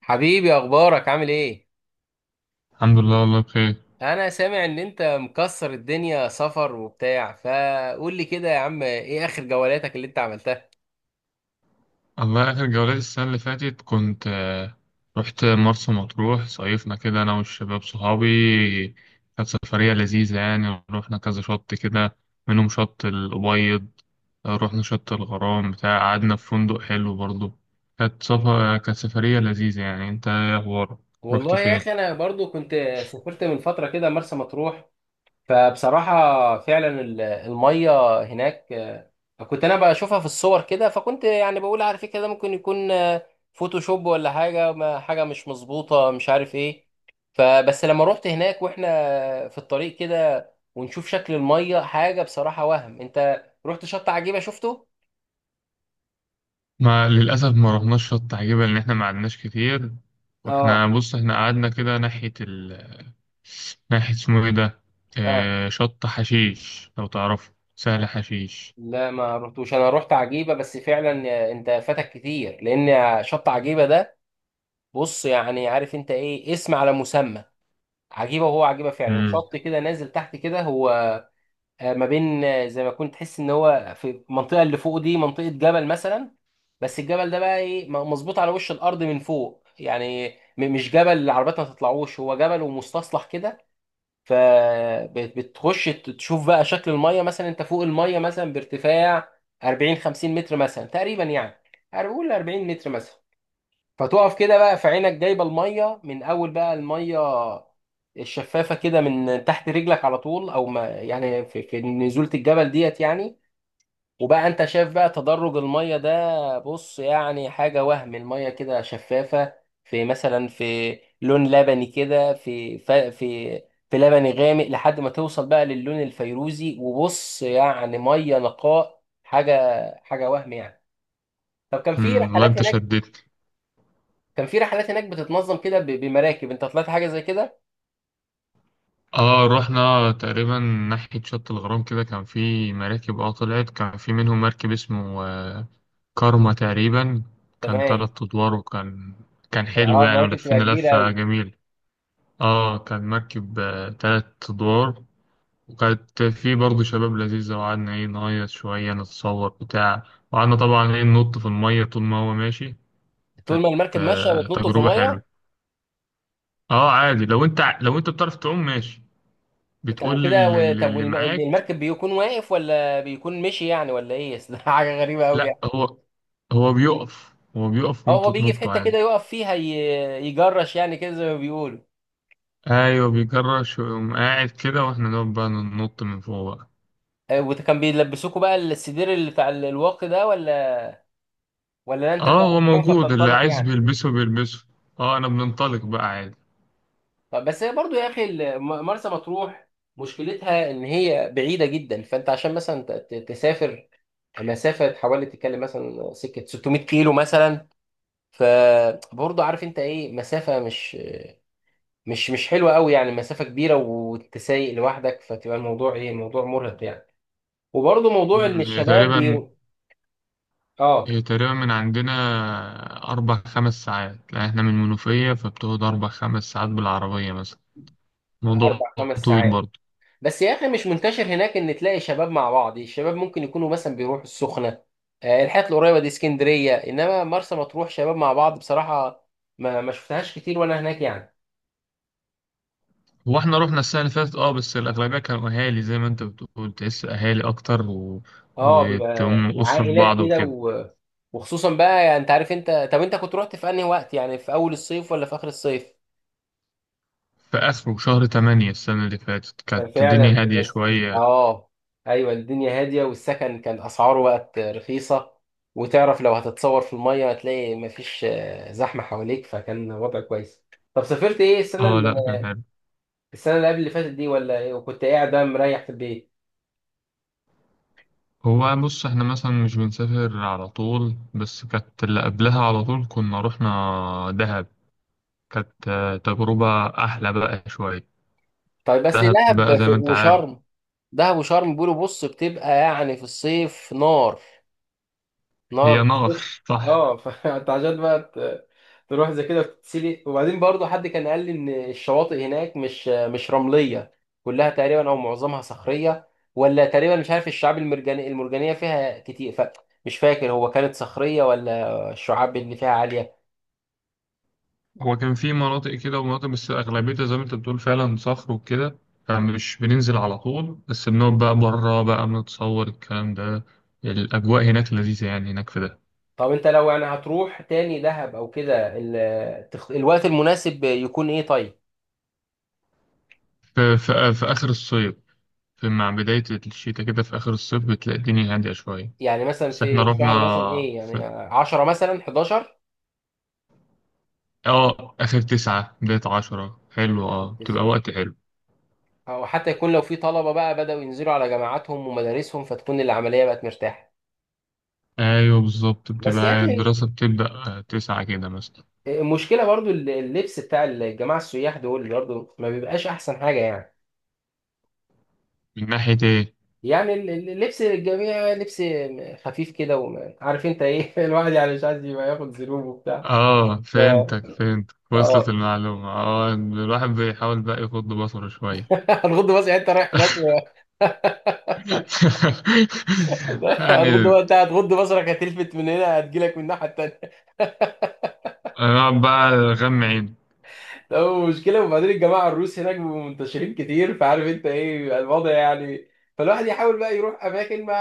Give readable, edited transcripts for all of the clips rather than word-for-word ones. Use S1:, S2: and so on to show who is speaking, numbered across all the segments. S1: حبيبي اخبارك عامل ايه؟
S2: الحمد لله، والله بخير.
S1: انا سامع ان انت مكسر الدنيا سفر وبتاع، فقول لي كده يا عم ايه اخر جولاتك اللي انت عملتها؟
S2: الله، آخر جولات السنة اللي فاتت كنت رحت مرسى مطروح، صيفنا كده أنا والشباب صحابي. كانت سفرية لذيذة يعني، رحنا كذا شط كده، منهم شط الأبيض. رحنا شط الغرام بتاع، قعدنا في فندق حلو برضه. كانت سفرية لذيذة. يعني أنت إيه أخبارك؟ رحت
S1: والله يا
S2: فين؟
S1: اخي انا برضو كنت سافرت من فتره كده مرسى مطروح. فبصراحة فعلا المية هناك، كنت أنا بشوفها في الصور كده، فكنت يعني بقول على فكرة ده ممكن يكون، فوتوشوب ولا حاجة، حاجة مش مظبوطة، مش عارف إيه. فبس لما روحت هناك وإحنا في الطريق كده ونشوف شكل المية، حاجة بصراحة وهم. أنت رحت شط عجيبة شفته؟
S2: ما للأسف ما رحناش شط عجيبة لأن إحنا ما قعدناش كتير. وإحنا
S1: اه
S2: بص إحنا قعدنا كده ناحية اسمه إيه ده؟
S1: آه
S2: شط حشيش لو تعرفه، سهل حشيش.
S1: لا، ما رحتوش. أنا رحت عجيبة، بس فعلا، أنت فاتك كتير لأن شط عجيبة ده، بص يعني عارف أنت إيه، اسم على مسمى. عجيبه، وهو عجيبه فعلا،
S2: مم.
S1: شط كده نازل تحت كده، هو ما بين، زي ما كنت تحس ان هو في المنطقه اللي فوق دي منطقه جبل مثلا. بس الجبل ده بقى ايه، مظبوط على وش الارض من فوق يعني. مش جبل العربيات ما تطلعوش، هو جبل ومستصلح كده. فبتخش تشوف بقى شكل الميه، مثلا انت فوق الميه مثلا بارتفاع 40 50 متر مثلا تقريبا يعني، هنقول 40 متر مثلا. فتقف كده بقى في عينك جايبه الميه من اول، بقى الميه الشفافه كده من تحت رجلك على طول، او ما يعني في نزوله الجبل ديت يعني. وبقى انت شايف بقى تدرج الميه ده، بص يعني حاجه وهم. الميه كده شفافه، في مثلا، في لون لبني كده، في في لبني غامق لحد ما توصل بقى للون الفيروزي. وبص يعني ميه نقاء، حاجه حاجه وهم يعني. طب كان في
S2: مم. والله
S1: رحلات
S2: أنت
S1: هناك؟
S2: شدتني.
S1: كان في رحلات هناك بتتنظم كده بمراكب؟ انت طلعت حاجه زي كده؟
S2: رحنا تقريبا ناحية شط الغرام كده، كان في مراكب طلعت، كان في منهم مركب اسمه كارما تقريبا. كان
S1: تمام.
S2: تلات أدوار، وكان حلو
S1: اه
S2: يعني،
S1: المراكب بتبقى
S2: ولفينا
S1: كبيره
S2: لفة
S1: قوي.
S2: جميلة. كان مركب تلات أدوار، وكانت في برضه شباب لذيذة، وقعدنا إيه نهيص شوية، نتصور بتاع، وقعدنا طبعا إيه ننط في المية طول ما هو ماشي.
S1: طول
S2: كانت
S1: ما المركب ماشيه بتنطوا في
S2: تجربة حلوة.
S1: الميه؟
S2: أه، عادي، لو أنت بتعرف تعوم ماشي،
S1: طب
S2: بتقول
S1: وكده طب
S2: اللي معاك.
S1: المركب بيكون واقف ولا بيكون مشي يعني ولا ايه؟ أصل ده حاجه غريبه قوي
S2: لأ،
S1: يعني.
S2: هو بيقف،
S1: اه هو
S2: وأنتوا
S1: بيجي في
S2: تنطوا
S1: حته
S2: عادي.
S1: كده يقف فيها، يجرش يعني كده زي ما بيقولوا.
S2: أيوه بيجرش ويقوم قاعد كده، وإحنا نقعد بقى ننط من فوق بقى.
S1: وكان بيلبسوكوا بقى السدير اللي بتاع الواقي ده، ولا انت
S2: أه،
S1: بتعرف
S2: هو
S1: تعوم
S2: موجود، اللي
S1: فبتنطلق
S2: عايز
S1: يعني؟
S2: بيلبسه بيلبسه. أه، أنا بننطلق بقى عادي.
S1: طب بس هي برضو يا اخي، مرسى مطروح مشكلتها ان هي بعيده جدا، فانت عشان مثلا تسافر مسافة حوالي، تتكلم مثلا سكة 600 كيلو مثلا، فبرضه عارف انت ايه، مسافة مش حلوة قوي يعني، مسافة كبيرة وانت سايق لوحدك، فتبقى الموضوع ايه، موضوع مرهق يعني. وبرضه موضوع ان
S2: مم، هي
S1: الشباب
S2: تقريبا
S1: بي... اه
S2: هي تقريبا من عندنا أربع خمس ساعات، لأن إحنا من المنوفية، فبتقعد أربع خمس ساعات بالعربية مثلا، موضوع
S1: اربع خمس
S2: طويل
S1: ساعات.
S2: برضه.
S1: بس يا اخي مش منتشر هناك ان تلاقي شباب مع بعض. الشباب ممكن يكونوا مثلا بيروحوا السخنة، الحتت القريبة دي، اسكندرية، انما مرسى مطروح شباب مع بعض، بصراحة ما شفتهاش كتير وانا هناك يعني.
S2: هو إحنا رحنا السنة اللي فاتت بس الأغلبية كانوا أهالي، زي ما أنت بتقول تحس أهالي أكتر، و...
S1: اه بيبقى
S2: وتقوم أسرة في
S1: عائلات
S2: بعض
S1: كده
S2: وكده.
S1: و... وخصوصا بقى، يعني انت عارف. انت طب انت كنت رحت في انهي وقت يعني، في اول الصيف ولا في اخر الصيف؟
S2: في آخره شهر تمانية السنة اللي فاتت
S1: كان
S2: كانت الدنيا
S1: فعلا
S2: هادية
S1: بس
S2: شوية.
S1: اه. ايوه الدنيا هاديه، والسكن كان اسعاره بقت رخيصه. وتعرف لو هتتصور في الميه هتلاقي مفيش زحمه حواليك، فكان وضع كويس. طب سافرت ايه السنه
S2: أه
S1: اللي...
S2: لأ، كان حلو.
S1: السنه اللي قبل اللي فاتت دي، ولا ايه وكنت قاعد بقى مريح في البيت؟
S2: هو بص، إحنا مثلا مش بنسافر على طول، بس كانت اللي قبلها على طول كنا رحنا دهب. كانت تجربة أحلى بقى شوية.
S1: طيب بس لي
S2: دهب
S1: دهب
S2: بقى زي ما أنت عارف،
S1: وشرم. دهب وشرم بيقولوا بص بتبقى يعني في الصيف نار، نار
S2: هي نار.
S1: الصبح.
S2: صح.
S1: اه فانت عشان بقى تروح زي كده وتتسلق. وبعدين برضه حد كان قال لي ان الشواطئ هناك مش رمليه، كلها تقريبا او معظمها صخريه، ولا تقريبا، مش عارف، الشعاب المرجانيه المرجانيه فيها كتير. فمش فاكر هو كانت صخريه ولا الشعاب اللي فيها عاليه.
S2: هو كان في مناطق كده ومناطق، بس أغلبيتها زي ما أنت بتقول فعلا صخر وكده، فمش بننزل على طول، بس بنقعد بقى بره بقى، بنتصور الكلام ده. الأجواء هناك لذيذة يعني، هناك في ده.
S1: طب انت لو يعني هتروح تاني دهب او كده، الوقت المناسب يكون ايه طيب؟
S2: في, في, في آخر الصيف، في مع بداية الشتاء كده، في آخر الصيف بتلاقي الدنيا هادية شوية.
S1: يعني مثلا
S2: بس إحنا
S1: في
S2: رحنا
S1: شهر مثلا ايه يعني
S2: في
S1: 10، مثلا 11،
S2: آخر تسعة بداية عشرة حلو، بتبقى وقت حلو.
S1: او حتى يكون لو في طلبه بقى بداوا ينزلوا على جامعاتهم ومدارسهم، فتكون العمليه بقت مرتاحه.
S2: ايوه بالظبط،
S1: بس يا
S2: بتبقى
S1: اخي
S2: الدراسة بتبدأ تسعة كده مثلا.
S1: المشكله برضو، اللبس بتاع الجماعه السياح دول برضو ما بيبقاش احسن حاجه يعني.
S2: من ناحية ايه؟
S1: يعني اللبس، الجميع لبس خفيف كده، وعارف انت ايه، الواحد يعني مش عايز يبقى ياخد ذنوب وبتاع.
S2: اه
S1: ف-
S2: فهمتك فهمتك، وصلت
S1: اه.
S2: المعلومة. اه الواحد بيحاول بقى يغض بصره شوية.
S1: هتغض بصرك يعني، انت رايح هناك و...
S2: يعني
S1: هتغض بقى، انت هتغض بصرك، هتلفت من هنا هتجيلك من الناحيه التانيه.
S2: انا بقى غم عين.
S1: لا مشكلة. وبعدين الجماعة الروس هناك بيبقوا منتشرين كتير، فعارف انت ايه بيبقى الوضع يعني. فالواحد يحاول بقى يروح اماكن ما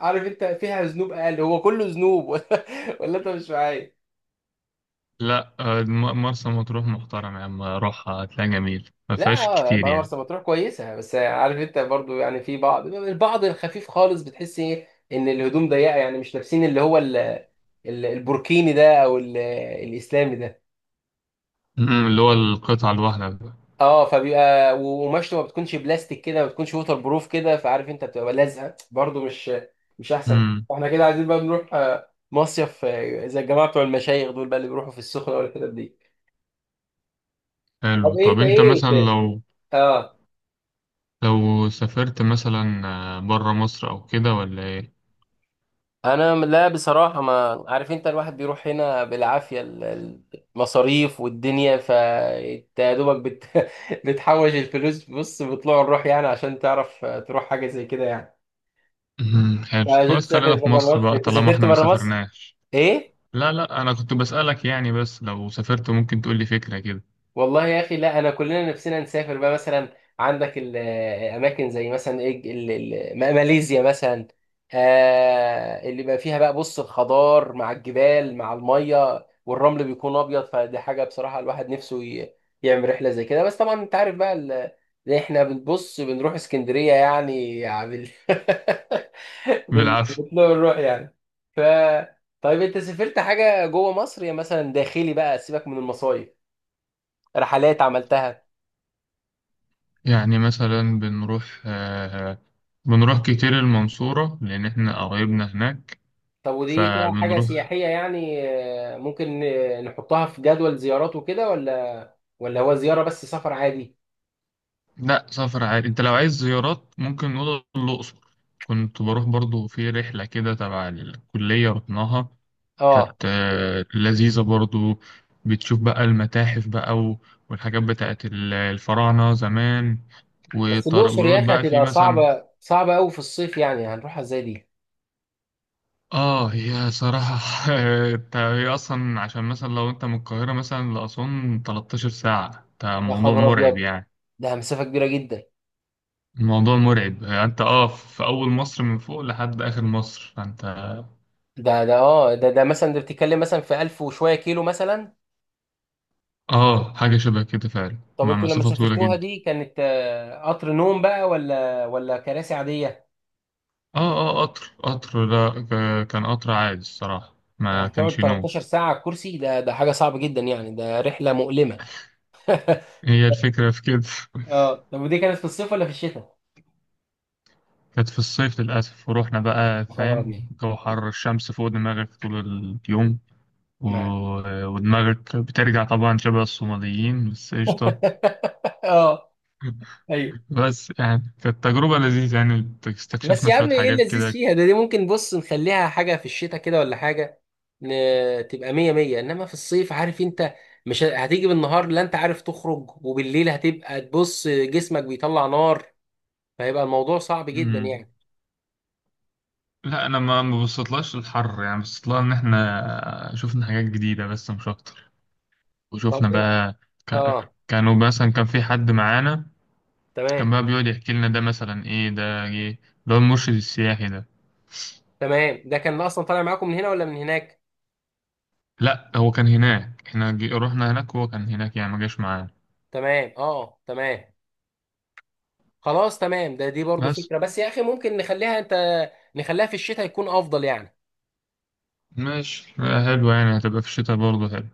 S1: عارف انت فيها ذنوب اقل. هو كله ذنوب ولا انت مش معايا؟
S2: لا، مرسى مطروح محترم يا عم، روحها هتلاقي جميل، ما
S1: لا
S2: فيهاش كتير
S1: ما
S2: يعني.
S1: مرسى مطروح كويسة، بس عارف انت برضو يعني في بعض، البعض الخفيف خالص بتحس ايه ان الهدوم ضيقة، يعني مش لابسين اللي هو البوركيني ده، او الاسلامي ده.
S2: اللي هو القطعة الواحدة بقى.
S1: اه فبيبقى، وقماشته ما بتكونش بلاستيك كده، ما بتكونش ووتر بروف كده، فعارف انت بتبقى لازقه برضه، مش احسن.
S2: امم
S1: احنا كده عايزين بقى نروح، مصيف، زي الجماعه بتوع المشايخ دول بقى اللي بيروحوا في السخنه والحتت دي.
S2: حلو.
S1: طب
S2: طب انت
S1: إيه انت
S2: مثلا
S1: ايه؟
S2: لو
S1: اه
S2: لو سافرت مثلا بره مصر او كده، ولا ايه؟
S1: انا لا بصراحه، ما عارف انت، الواحد بيروح هنا بالعافيه، المصاريف والدنيا، فانت يا دوبك بت... بتحوش الفلوس بص بطلوع الروح يعني، عشان تعرف تروح حاجه زي كده يعني،
S2: حلو،
S1: عشان
S2: خلاص خلينا
S1: تسافر
S2: في
S1: بره
S2: مصر
S1: مصر.
S2: بقى
S1: انت
S2: طالما
S1: سافرت
S2: احنا ما
S1: بره مصر؟
S2: سافرناش.
S1: ايه؟
S2: لا لا، انا كنت بسألك يعني، بس لو سافرت ممكن تقول لي فكرة كده.
S1: والله يا اخي لا، انا كلنا نفسنا نسافر بقى. مثلا عندك الاماكن زي مثلا ايه، ماليزيا مثلا، آه اللي بقى فيها بقى، بص الخضار مع الجبال مع الميه، والرمل بيكون ابيض، فدي حاجه بصراحه الواحد نفسه يعمل رحله زي كده. بس طبعا انت عارف بقى احنا بنبص بنروح اسكندريه يعني، يعني بال بال
S2: بالعافية.
S1: بنروح يعني ف. طيب انت سافرت حاجه جوه مصر، يا مثلا داخلي بقى، سيبك من المصايف، رحلات عملتها؟
S2: يعني مثلا بنروح كتير المنصورة لان احنا قرايبنا هناك.
S1: طب ودي فيها حاجة
S2: فبنروح.
S1: سياحية يعني، ممكن نحطها في جدول زيارات وكده، ولا هو زيارة بس سفر عادي؟
S2: لا، سفر عادي. انت لو عايز زيارات ممكن نقول الاقصر. كنت بروح برضو في رحلة كده تبع الكلية رحناها، كانت
S1: اه.
S2: لذيذة برضو. بتشوف بقى المتاحف بقى والحاجات بتاعت الفراعنة زمان،
S1: بس الأقصر يا
S2: ويقعد
S1: أخي
S2: بقى في
S1: هتبقى
S2: مثلا.
S1: صعبة، صعبة أوي في الصيف، يعني هنروحها ازاي دي؟
S2: اه، هي صراحة. انت هي اصلا عشان مثلا لو انت من القاهرة مثلا لأسوان 13 ساعة، ده
S1: يا
S2: موضوع
S1: خبر
S2: مرعب
S1: أبيض،
S2: يعني.
S1: ده مسافة كبيرة جدا.
S2: الموضوع مرعب. انت في اول مصر من فوق لحد اخر مصر، فانت.
S1: ده اه، ده مثلا، ده بتتكلم مثلا في ألف وشوية كيلو مثلا.
S2: اه، حاجة شبه كده فعلا،
S1: طب
S2: مع
S1: انتوا لما
S2: مسافة طويلة
S1: سافرتوها
S2: جدا.
S1: دي كانت، قطر نوم بقى، ولا كراسي عادية؟
S2: اه اه، قطر لا، كان قطر عادي الصراحة، ما
S1: يعني هتقعد
S2: كانش نوم.
S1: 13 ساعة على الكرسي، ده ده حاجة صعبة جدا يعني، ده رحلة مؤلمة.
S2: هي الفكرة في كده.
S1: اه طب ودي كانت في الصيف ولا في الشتاء؟
S2: كانت في الصيف للأسف، ورحنا بقى
S1: يا خبر
S2: فاهم،
S1: ابيض.
S2: جو حر، الشمس فوق دماغك طول اليوم، و...
S1: معاك.
S2: ودماغك بترجع طبعا شبه الصوماليين، بس قشطة.
S1: اه ايوه.
S2: بس يعني كانت تجربة لذيذة، يعني
S1: بس
S2: استكشفنا
S1: يا
S2: شوية
S1: عم ايه
S2: حاجات
S1: اللذيذ
S2: كده.
S1: فيها ده، دي ممكن بص نخليها حاجه في الشتاء كده، ولا حاجه ن... تبقى مية مية، انما في الصيف عارف انت، مش ه- هتيجي بالنهار لا انت عارف تخرج، وبالليل هتبقى تبص جسمك بيطلع نار، فهيبقى الموضوع صعب جدا
S2: مم.
S1: يعني.
S2: لا أنا ما بصيتلهاش الحر، يعني بصيتلها إن إحنا شفنا حاجات جديدة، بس مش أكتر.
S1: طب
S2: وشوفنا
S1: ايه؟
S2: بقى، ك...
S1: اه
S2: كانوا مثلا كان في حد معانا،
S1: تمام.
S2: كان بقى بيقعد يحكي لنا ده مثلا ايه، ده ايه، اللي هو المرشد السياحي ده.
S1: تمام ده كان اصلا طالع معاكم من هنا ولا من هناك؟
S2: لا هو كان هناك، احنا رحنا هناك، وهو كان هناك يعني ما جاش معانا.
S1: تمام اه تمام. خلاص تمام ده، دي برضو
S2: بس
S1: فكرة، بس يا أخي ممكن نخليها، أنت نخليها في الشتاء يكون أفضل يعني.
S2: ماشي، حلو يعني، هتبقى في الشتاء برضه حلو.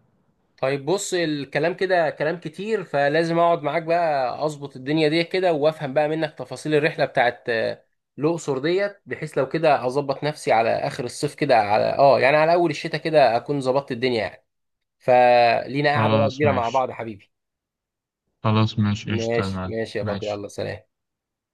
S1: طيب بص الكلام كده كلام كتير، فلازم أقعد معاك بقى أظبط الدنيا دي كده، وأفهم بقى منك تفاصيل الرحلة بتاعت الأقصر ديت، بحيث لو كده أظبط نفسي على آخر الصيف كده، على أه يعني على أول الشتاء كده، أكون ظبطت الدنيا يعني، فلينا قاعدة بقى
S2: خلاص
S1: كبيرة مع بعض
S2: ماشي،
S1: يا حبيبي.
S2: خلاص ماشي قشطة يا
S1: ماشي
S2: معلم.
S1: ماشي يا بطل
S2: ماشي
S1: يلا سلام.